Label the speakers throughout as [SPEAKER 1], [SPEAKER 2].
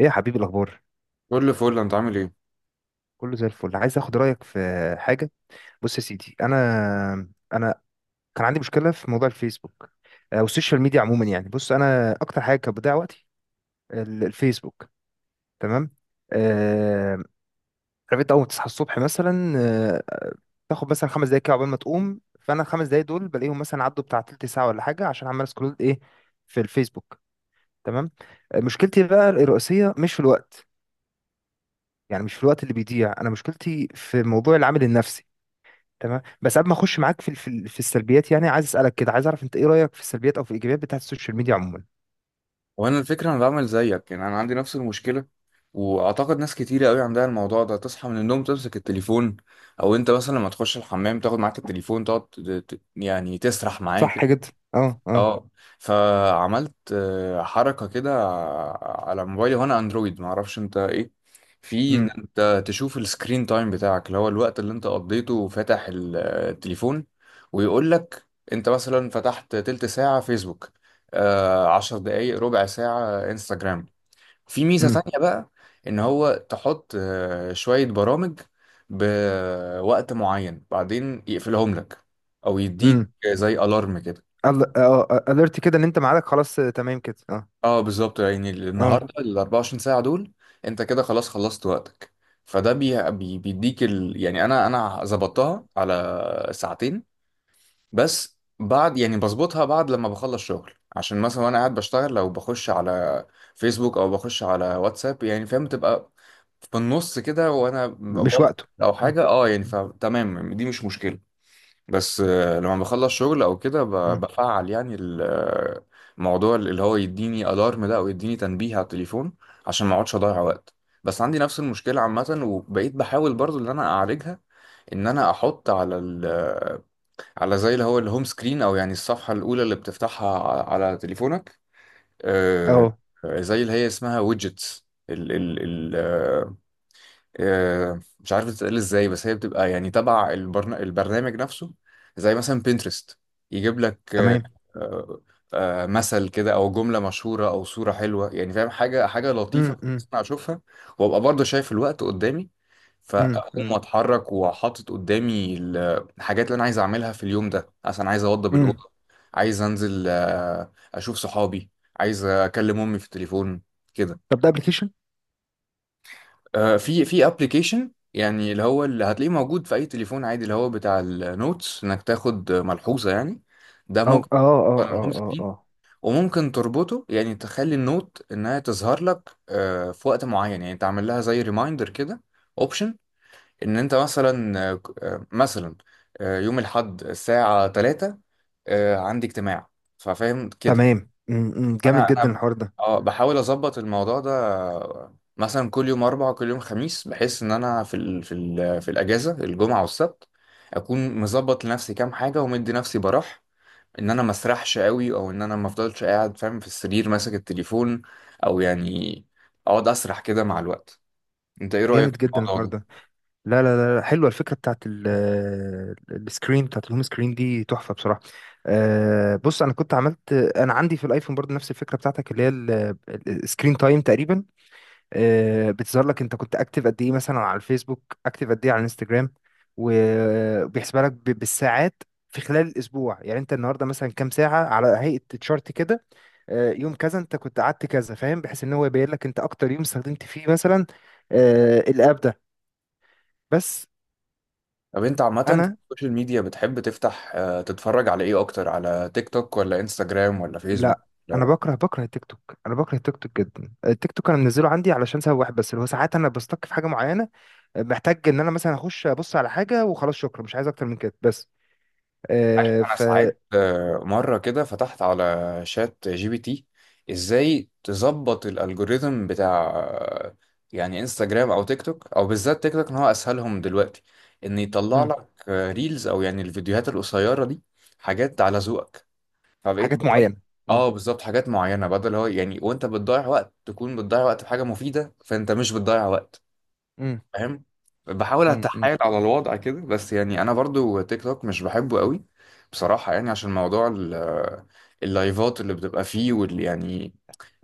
[SPEAKER 1] ايه يا حبيبي الاخبار؟
[SPEAKER 2] كل فل. انت عامل ايه؟
[SPEAKER 1] كله زي الفل. عايز اخد رايك في حاجه. بص يا سيدي، انا كان عندي مشكله في موضوع الفيسبوك. والسوشيال ميديا عموما. يعني بص، انا اكتر حاجه كانت بتضيع وقتي الفيسبوك. تمام. آه، عارف انت اول ما تصحى الصبح مثلا، آه، تاخد مثلا خمس دقايق كده عقبال ما تقوم، فانا الخمس دقايق دول بلاقيهم مثلا عدوا بتاع تلت ساعه ولا حاجه، عشان عمال اسكرول ايه في الفيسبوك. تمام. مشكلتي بقى الرئيسيه مش في الوقت، يعني مش في الوقت اللي بيضيع. انا مشكلتي في موضوع العامل النفسي. تمام. بس قبل ما اخش معاك في في السلبيات، يعني عايز اسالك كده، عايز اعرف انت ايه رايك في السلبيات او في الايجابيات بتاعت السوشيال ميديا عموما؟
[SPEAKER 2] وانا الفكره انا بعمل زيك، يعني انا عندي نفس المشكله، واعتقد ناس كتيره قوي عندها الموضوع ده. تصحى من النوم تمسك التليفون، او انت مثلا لما تخش الحمام تاخد معاك التليفون، تقعد يعني تسرح معاك.
[SPEAKER 1] صح جدا. اه اه.
[SPEAKER 2] اه، فعملت حركة كده على موبايلي، وانا اندرويد معرفش انت ايه، في ان
[SPEAKER 1] امم
[SPEAKER 2] انت تشوف السكرين تايم بتاعك، اللي هو الوقت اللي انت قضيته فاتح التليفون. ويقول لك انت مثلا فتحت تلت ساعة فيسبوك، عشر دقايق ربع ساعة انستجرام. في ميزة
[SPEAKER 1] امم
[SPEAKER 2] تانية بقى، ان هو تحط شوية برامج بوقت معين، بعدين يقفلهم لك او يديك
[SPEAKER 1] امم
[SPEAKER 2] زي الارم كده.
[SPEAKER 1] الرت كده، ان انت معاك خلاص، تمام كده. اه.
[SPEAKER 2] اه بالظبط، يعني
[SPEAKER 1] اه.
[SPEAKER 2] النهارده ال 24 ساعه دول انت كده خلاص خلصت وقتك. فده بيديك يعني انا ظبطتها على ساعتين، بس بعد يعني بظبطها بعد لما بخلص شغل، عشان مثلا وانا قاعد بشتغل لو بخش على فيسبوك او بخش على واتساب، يعني فاهم، تبقى في النص كده وانا
[SPEAKER 1] مش
[SPEAKER 2] ببطل
[SPEAKER 1] وقته.
[SPEAKER 2] او
[SPEAKER 1] امم
[SPEAKER 2] حاجه. اه يعني فتمام دي مش مشكله، بس لما بخلص شغل او كده
[SPEAKER 1] امم
[SPEAKER 2] بفعل يعني الموضوع اللي هو يديني الارم ده او يديني تنبيه على التليفون عشان ما اقعدش اضيع وقت. بس عندي نفس المشكله عامه، وبقيت بحاول برضو ان انا اعالجها، ان انا احط على ال آه، على زي اللي هو الهوم سكرين، او يعني الصفحه الاولى اللي بتفتحها على تليفونك. آه،
[SPEAKER 1] اه.
[SPEAKER 2] زي اللي هي اسمها ويدجتس. مش عارف بتتقال ازاي، بس هي بتبقى يعني تبع البرنامج نفسه، زي مثلا بنترست. يجيب لك
[SPEAKER 1] تمام.
[SPEAKER 2] آه، مثل كده او جملة مشهورة او صورة حلوة، يعني فاهم، حاجة حاجة
[SPEAKER 1] امم
[SPEAKER 2] لطيفة
[SPEAKER 1] امم
[SPEAKER 2] انا اشوفها، وابقى برضه شايف الوقت قدامي،
[SPEAKER 1] امم
[SPEAKER 2] فاقوم
[SPEAKER 1] امم
[SPEAKER 2] اتحرك وحاطط قدامي الحاجات اللي انا عايز اعملها في اليوم ده. مثلا عايز اوضب
[SPEAKER 1] أمم.
[SPEAKER 2] الاوضه، عايز انزل اشوف صحابي، عايز اكلم امي في التليفون، كده.
[SPEAKER 1] طب ده ابلكيشن؟
[SPEAKER 2] في في ابلكيشن، يعني اللي هو اللي هتلاقيه موجود في اي تليفون عادي، اللي هو بتاع النوتس، انك تاخد ملحوظه يعني. ده
[SPEAKER 1] اه
[SPEAKER 2] ممكن
[SPEAKER 1] اه اه
[SPEAKER 2] تحطه على
[SPEAKER 1] اه
[SPEAKER 2] الهوم
[SPEAKER 1] اه
[SPEAKER 2] سكرين،
[SPEAKER 1] آه.
[SPEAKER 2] وممكن تربطه يعني تخلي النوت انها تظهر لك في وقت معين، يعني تعمل لها زي ريمايندر كده، اوبشن. ان انت مثلا مثلا يوم الاحد الساعه 3 عندي اجتماع، ففاهم كده.
[SPEAKER 1] تمام. امم. أمم. جامد
[SPEAKER 2] انا
[SPEAKER 1] جدا
[SPEAKER 2] انا
[SPEAKER 1] الحوار ده.
[SPEAKER 2] اه بحاول اظبط الموضوع ده. مثلا كل يوم اربع، كل يوم خميس، بحيث ان انا في الاجازه الجمعه والسبت اكون مظبط لنفسي كام حاجه، ومدي نفسي براح، ان انا ما اسرحش قوي، او ان انا ما افضلش قاعد فاهم في السرير ماسك التليفون، او يعني اقعد اسرح كده مع الوقت. انت ايه
[SPEAKER 1] جامد
[SPEAKER 2] رايك في
[SPEAKER 1] جدا
[SPEAKER 2] الموضوع
[SPEAKER 1] الحوار
[SPEAKER 2] ده؟
[SPEAKER 1] ده. لا لا لا لا، حلوه الفكره بتاعت السكرين، بتاعت الهوم سكرين دي، تحفه بصراحه. بص، انا كنت عملت انا عندي في الايفون برضه نفس الفكره بتاعتك، اللي هي السكرين تايم تقريبا. بتظهر لك انت كنت اكتف قد ايه مثلا على الفيسبوك، اكتف قد ايه على الانستجرام، وبيحسبها لك بالساعات في خلال الاسبوع. يعني انت النهارده مثلا كام ساعه، على هيئه تشارت كده. يوم كذا انت كنت قعدت كذا، فاهم، بحيث ان هو يبين لك انت اكتر يوم استخدمت فيه مثلا الاب ده. بس
[SPEAKER 2] طب انت عامه في
[SPEAKER 1] انا
[SPEAKER 2] السوشيال ميديا بتحب تفتح تتفرج على ايه اكتر؟ على تيك توك ولا انستجرام ولا فيسبوك؟
[SPEAKER 1] لا، انا بكره التيك توك. انا بكره التيك توك جدا. التيك توك انا منزله عندي علشان سبب واحد بس، اللي هو ساعات انا بستك في حاجه معينه، محتاج ان انا مثلا اخش ابص على حاجه وخلاص، شكرا، مش عايز اكتر من كده بس.
[SPEAKER 2] عارف،
[SPEAKER 1] آه
[SPEAKER 2] انا
[SPEAKER 1] ف
[SPEAKER 2] ساعات مره كده فتحت على شات جي بي تي ازاي تظبط الالجوريثم بتاع يعني انستجرام او تيك توك، او بالذات تيك توك ان هو اسهلهم دلوقتي، ان يطلع
[SPEAKER 1] مم.
[SPEAKER 2] لك ريلز او يعني الفيديوهات القصيره دي حاجات على ذوقك. فبقيت
[SPEAKER 1] حاجات
[SPEAKER 2] بطلع
[SPEAKER 1] معينه. مم.
[SPEAKER 2] اه بالظبط حاجات معينه، بدل هو يعني وانت بتضيع وقت تكون بتضيع وقت في حاجه مفيده، فانت مش بتضيع وقت،
[SPEAKER 1] مم.
[SPEAKER 2] فاهم. بحاول
[SPEAKER 1] مم. مم.
[SPEAKER 2] اتحايل على الوضع كده، بس يعني انا برضو تيك توك مش بحبه قوي بصراحة، يعني عشان موضوع اللايفات اللي بتبقى فيه وال يعني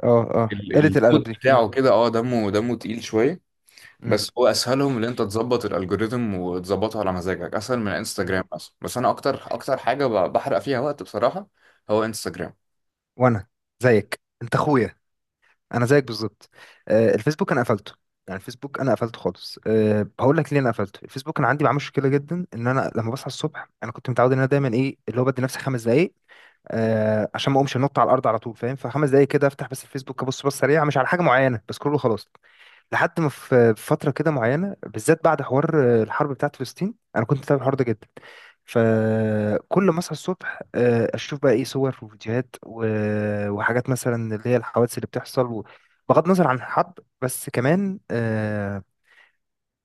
[SPEAKER 1] اه اه، قله الادب
[SPEAKER 2] المود
[SPEAKER 1] دي. مم.
[SPEAKER 2] بتاعه كده، اه دمه تقيل شوية.
[SPEAKER 1] مم.
[SPEAKER 2] بس هو اسهلهم ان انت تظبط الالجوريثم وتظبطه على مزاجك اسهل من
[SPEAKER 1] مم.
[SPEAKER 2] انستجرام مثلا. بس انا اكتر حاجة بحرق فيها وقت بصراحة هو انستجرام.
[SPEAKER 1] وانا زيك انت اخويا. انا زيك بالظبط. الفيسبوك انا قفلته. يعني الفيسبوك انا قفلته خالص. أه هقول لك ليه انا قفلته الفيسبوك. انا عندي معاه مشكله جدا، ان انا لما بصحى الصبح انا كنت متعود ان انا دايما ايه اللي هو بدي نفسي خمس دقائق. أه عشان ما اقومش انط على الارض على طول، فاهم؟ فخمس دقائق كده افتح بس الفيسبوك، ابص سريعه، مش على حاجه معينه بس كله، خلاص. لحد ما في فترة كده معينة، بالذات بعد حوار الحرب بتاعت فلسطين، أنا كنت متابع الحوار ده جدا. فكل ما أصحى الصبح أشوف بقى إيه، صور وفيديوهات وحاجات مثلا اللي هي الحوادث اللي بتحصل. و بغض النظر عن الحرب، بس كمان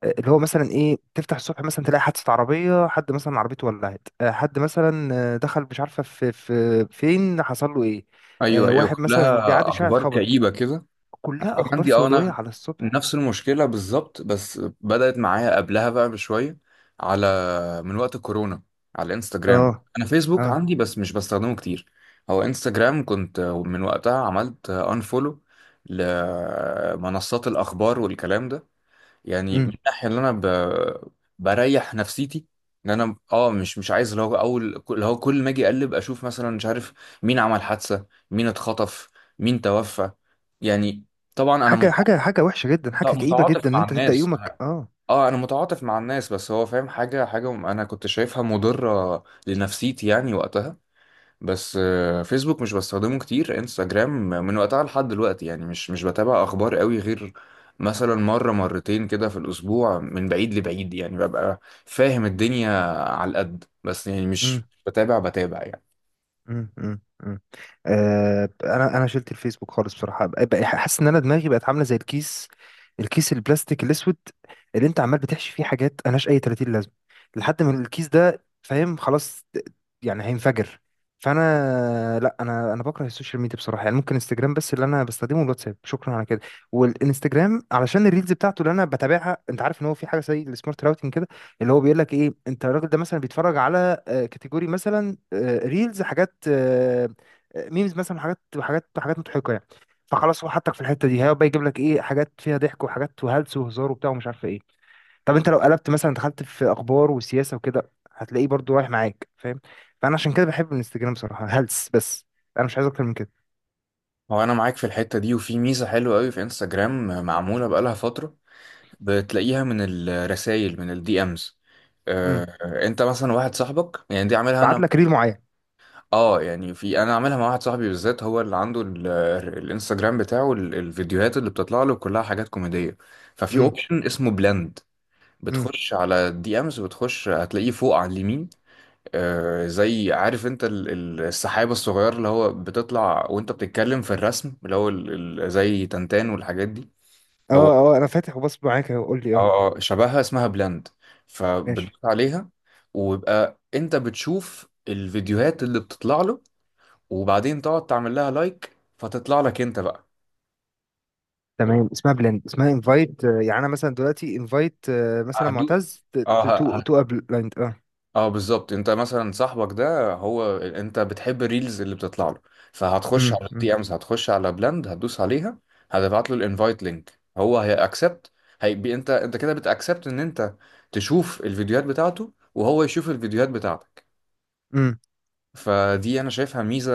[SPEAKER 1] اللي هو مثلا إيه، تفتح الصبح مثلا تلاقي حادثة عربية، حد مثلا عربيته ولعت، حد مثلا دخل مش عارفة في في فين، حصل له إيه،
[SPEAKER 2] ايوه ايوه،
[SPEAKER 1] واحد مثلا
[SPEAKER 2] كلها
[SPEAKER 1] بيعدي شارع
[SPEAKER 2] اخبار
[SPEAKER 1] اتخبط.
[SPEAKER 2] كئيبة كده. أنا
[SPEAKER 1] كلها
[SPEAKER 2] كان
[SPEAKER 1] أخبار
[SPEAKER 2] عندي اه،
[SPEAKER 1] سوداوية
[SPEAKER 2] انا
[SPEAKER 1] على الصبح.
[SPEAKER 2] نفس المشكله بالظبط، بس بدات معايا قبلها بقى بشويه، على، من وقت الكورونا، على انستجرام.
[SPEAKER 1] اه
[SPEAKER 2] انا فيسبوك
[SPEAKER 1] اه.
[SPEAKER 2] عندي بس مش بستخدمه كتير. هو انستجرام كنت من وقتها عملت انفولو لمنصات الاخبار والكلام ده، يعني من
[SPEAKER 1] امم.
[SPEAKER 2] الناحيه اللي انا بريح نفسيتي، ان انا اه مش عايز اللي هو اول، اللي هو كل ما اجي اقلب اشوف مثلا مش عارف مين عمل حادثه، مين اتخطف، مين توفى، يعني. طبعا انا
[SPEAKER 1] حاجه حاجه وحشه جدا، حاجه كئيبه
[SPEAKER 2] متعاطف
[SPEAKER 1] جدا ان
[SPEAKER 2] مع
[SPEAKER 1] انت تبدا
[SPEAKER 2] الناس،
[SPEAKER 1] يومك.
[SPEAKER 2] انا
[SPEAKER 1] اه.
[SPEAKER 2] اه انا متعاطف مع الناس، بس هو فاهم، حاجه حاجه انا كنت شايفها مضره لنفسيتي يعني وقتها. بس فيسبوك مش بستخدمه كتير، انستجرام من وقتها لحد دلوقتي يعني مش بتابع اخبار قوي، غير مثلا مرة مرتين كده في الاسبوع من بعيد لبعيد، يعني ببقى فاهم الدنيا على القد، بس يعني
[SPEAKER 1] امم.
[SPEAKER 2] مش بتابع يعني.
[SPEAKER 1] مم، مم، مم. انا شلت الفيسبوك خالص بصراحه. بقى حاسس ان انا دماغي بقت عامله زي الكيس، الكيس البلاستيك الاسود اللي انت عمال بتحشي فيه حاجات ملهاش اي 30 لازمه، لحد ما الكيس ده، فاهم، خلاص يعني هينفجر. فانا لا، انا بكره السوشيال ميديا بصراحه. يعني ممكن انستجرام بس اللي انا بستخدمه، الواتساب شكرا على كده. والانستجرام علشان الريلز بتاعته اللي انا بتابعها. انت عارف ان هو في حاجه زي السمارت راوتنج كده، اللي هو بيقول لك ايه، انت الراجل ده مثلا بيتفرج على كاتيجوري مثلا، ريلز، حاجات، ميمز مثلا، حاجات حاجات مضحكه يعني. فخلاص هو حطك في الحته دي، هيبقى يجيب لك ايه، حاجات فيها ضحك، وحاجات وهلس وهزار وبتاع ومش عارفه ايه. طب انت لو قلبت مثلا دخلت في اخبار وسياسه وكده، هتلاقيه برضو رايح معاك، فاهم؟ فانا عشان كده بحب الانستجرام بصراحه، هلس بس. انا مش عايز اكتر من كده.
[SPEAKER 2] هو انا معاك في الحتة دي. وفي ميزة حلوة قوي في انستجرام معمولة بقالها فترة، بتلاقيها من الرسائل، من الدي امز.
[SPEAKER 1] امم.
[SPEAKER 2] انت مثلا واحد صاحبك، يعني دي عاملها
[SPEAKER 1] بعت
[SPEAKER 2] انا
[SPEAKER 1] لك ريل معين.
[SPEAKER 2] اه، يعني في، انا عاملها مع واحد صاحبي بالذات هو اللي عنده الانستجرام بتاعه الفيديوهات اللي بتطلع له كلها حاجات كوميدية. ففي
[SPEAKER 1] امم.
[SPEAKER 2] اوبشن اسمه بلند،
[SPEAKER 1] امم.
[SPEAKER 2] بتخش على الدي امز، وبتخش هتلاقيه فوق على اليمين. آه زي، عارف انت السحابة الصغير اللي هو بتطلع وانت بتتكلم في الرسم، اللي هو زي تنتان والحاجات دي.
[SPEAKER 1] اه
[SPEAKER 2] هو
[SPEAKER 1] اه، انا فاتح وبص معاك أهو، قول لي. اه.
[SPEAKER 2] اه شبهها، اسمها بلند،
[SPEAKER 1] ماشي.
[SPEAKER 2] فبتدوس عليها، ويبقى انت بتشوف الفيديوهات اللي بتطلع له، وبعدين تقعد تعمل لها لايك فتطلع لك انت بقى.
[SPEAKER 1] تمام، اسمها بلند. اسمها انفايت، يعني انا مثلا دلوقتي انفايت مثلا
[SPEAKER 2] هدو
[SPEAKER 1] معتز،
[SPEAKER 2] اه
[SPEAKER 1] تو تو بلند. اه.
[SPEAKER 2] اه بالظبط، انت مثلا صاحبك ده هو انت بتحب الريلز اللي بتطلع له، فهتخش
[SPEAKER 1] امم
[SPEAKER 2] على
[SPEAKER 1] امم
[SPEAKER 2] الدي امز، هتخش على بلند، هتدوس عليها، هتبعت له الانفايت لينك، هو هيأكسبت، هيبقى انت، كده بتأكسبت ان انت تشوف الفيديوهات بتاعته وهو يشوف الفيديوهات بتاعتك.
[SPEAKER 1] امم
[SPEAKER 2] فدي انا شايفها ميزه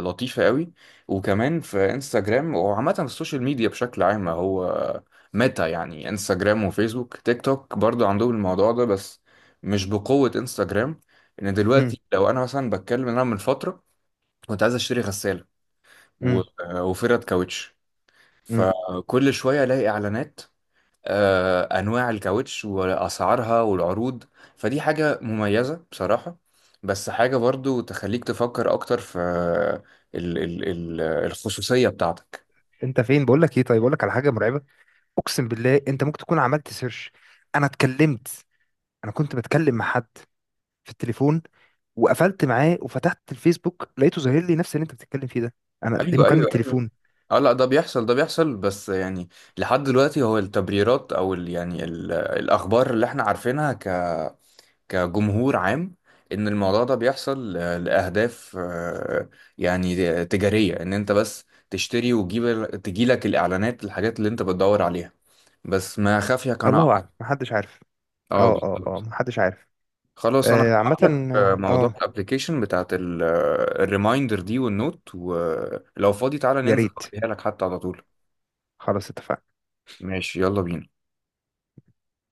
[SPEAKER 2] لطيفه قوي. وكمان في انستجرام، وعامه في السوشيال ميديا بشكل عام، هو ميتا يعني انستجرام وفيسبوك، تيك توك برضو عندهم الموضوع ده بس مش بقوه انستجرام. ان
[SPEAKER 1] امم
[SPEAKER 2] دلوقتي لو انا مثلا بتكلم إن انا من فتره كنت عايز اشتري غساله و-
[SPEAKER 1] امم
[SPEAKER 2] وفرد كاوتش،
[SPEAKER 1] امم
[SPEAKER 2] فكل شويه الاقي اعلانات انواع الكاوتش واسعارها والعروض. فدي حاجه مميزه بصراحه، بس حاجه برضو تخليك تفكر اكتر في ال الخصوصيه بتاعتك.
[SPEAKER 1] انت فين؟ بقول لك ايه، طيب بقول لك على حاجه مرعبه. اقسم بالله انت ممكن تكون عملت سيرش. انا اتكلمت، انا كنت بتكلم مع حد في التليفون، وقفلت معاه وفتحت الفيسبوك لقيته ظاهر لي نفس اللي انت بتتكلم فيه ده. انا دي
[SPEAKER 2] ايوه
[SPEAKER 1] مكالمه
[SPEAKER 2] ايوه ايوه،
[SPEAKER 1] تليفون.
[SPEAKER 2] اه لا ده بيحصل، بس يعني لحد دلوقتي هو التبريرات، او ال يعني ال الاخبار اللي احنا عارفينها كجمهور عام، ان الموضوع ده بيحصل لاهداف يعني تجاريه، ان انت بس تشتري وتجيب تجيلك الاعلانات الحاجات اللي انت بتدور عليها. بس ما خافيك انا
[SPEAKER 1] الله اعلم،
[SPEAKER 2] أعرف.
[SPEAKER 1] محدش عارف. اه
[SPEAKER 2] اه
[SPEAKER 1] اه اه،
[SPEAKER 2] بالظبط.
[SPEAKER 1] محدش عارف.
[SPEAKER 2] خلاص انا
[SPEAKER 1] آه عامه.
[SPEAKER 2] هبعت لك موضوع
[SPEAKER 1] اه.
[SPEAKER 2] الابلكيشن بتاعت الريمايندر دي والنوت، ولو فاضي تعالى
[SPEAKER 1] يا
[SPEAKER 2] ننزل
[SPEAKER 1] ريت.
[SPEAKER 2] اوريها لك حتى على طول.
[SPEAKER 1] خلاص، اتفقنا.
[SPEAKER 2] ماشي يلا بينا.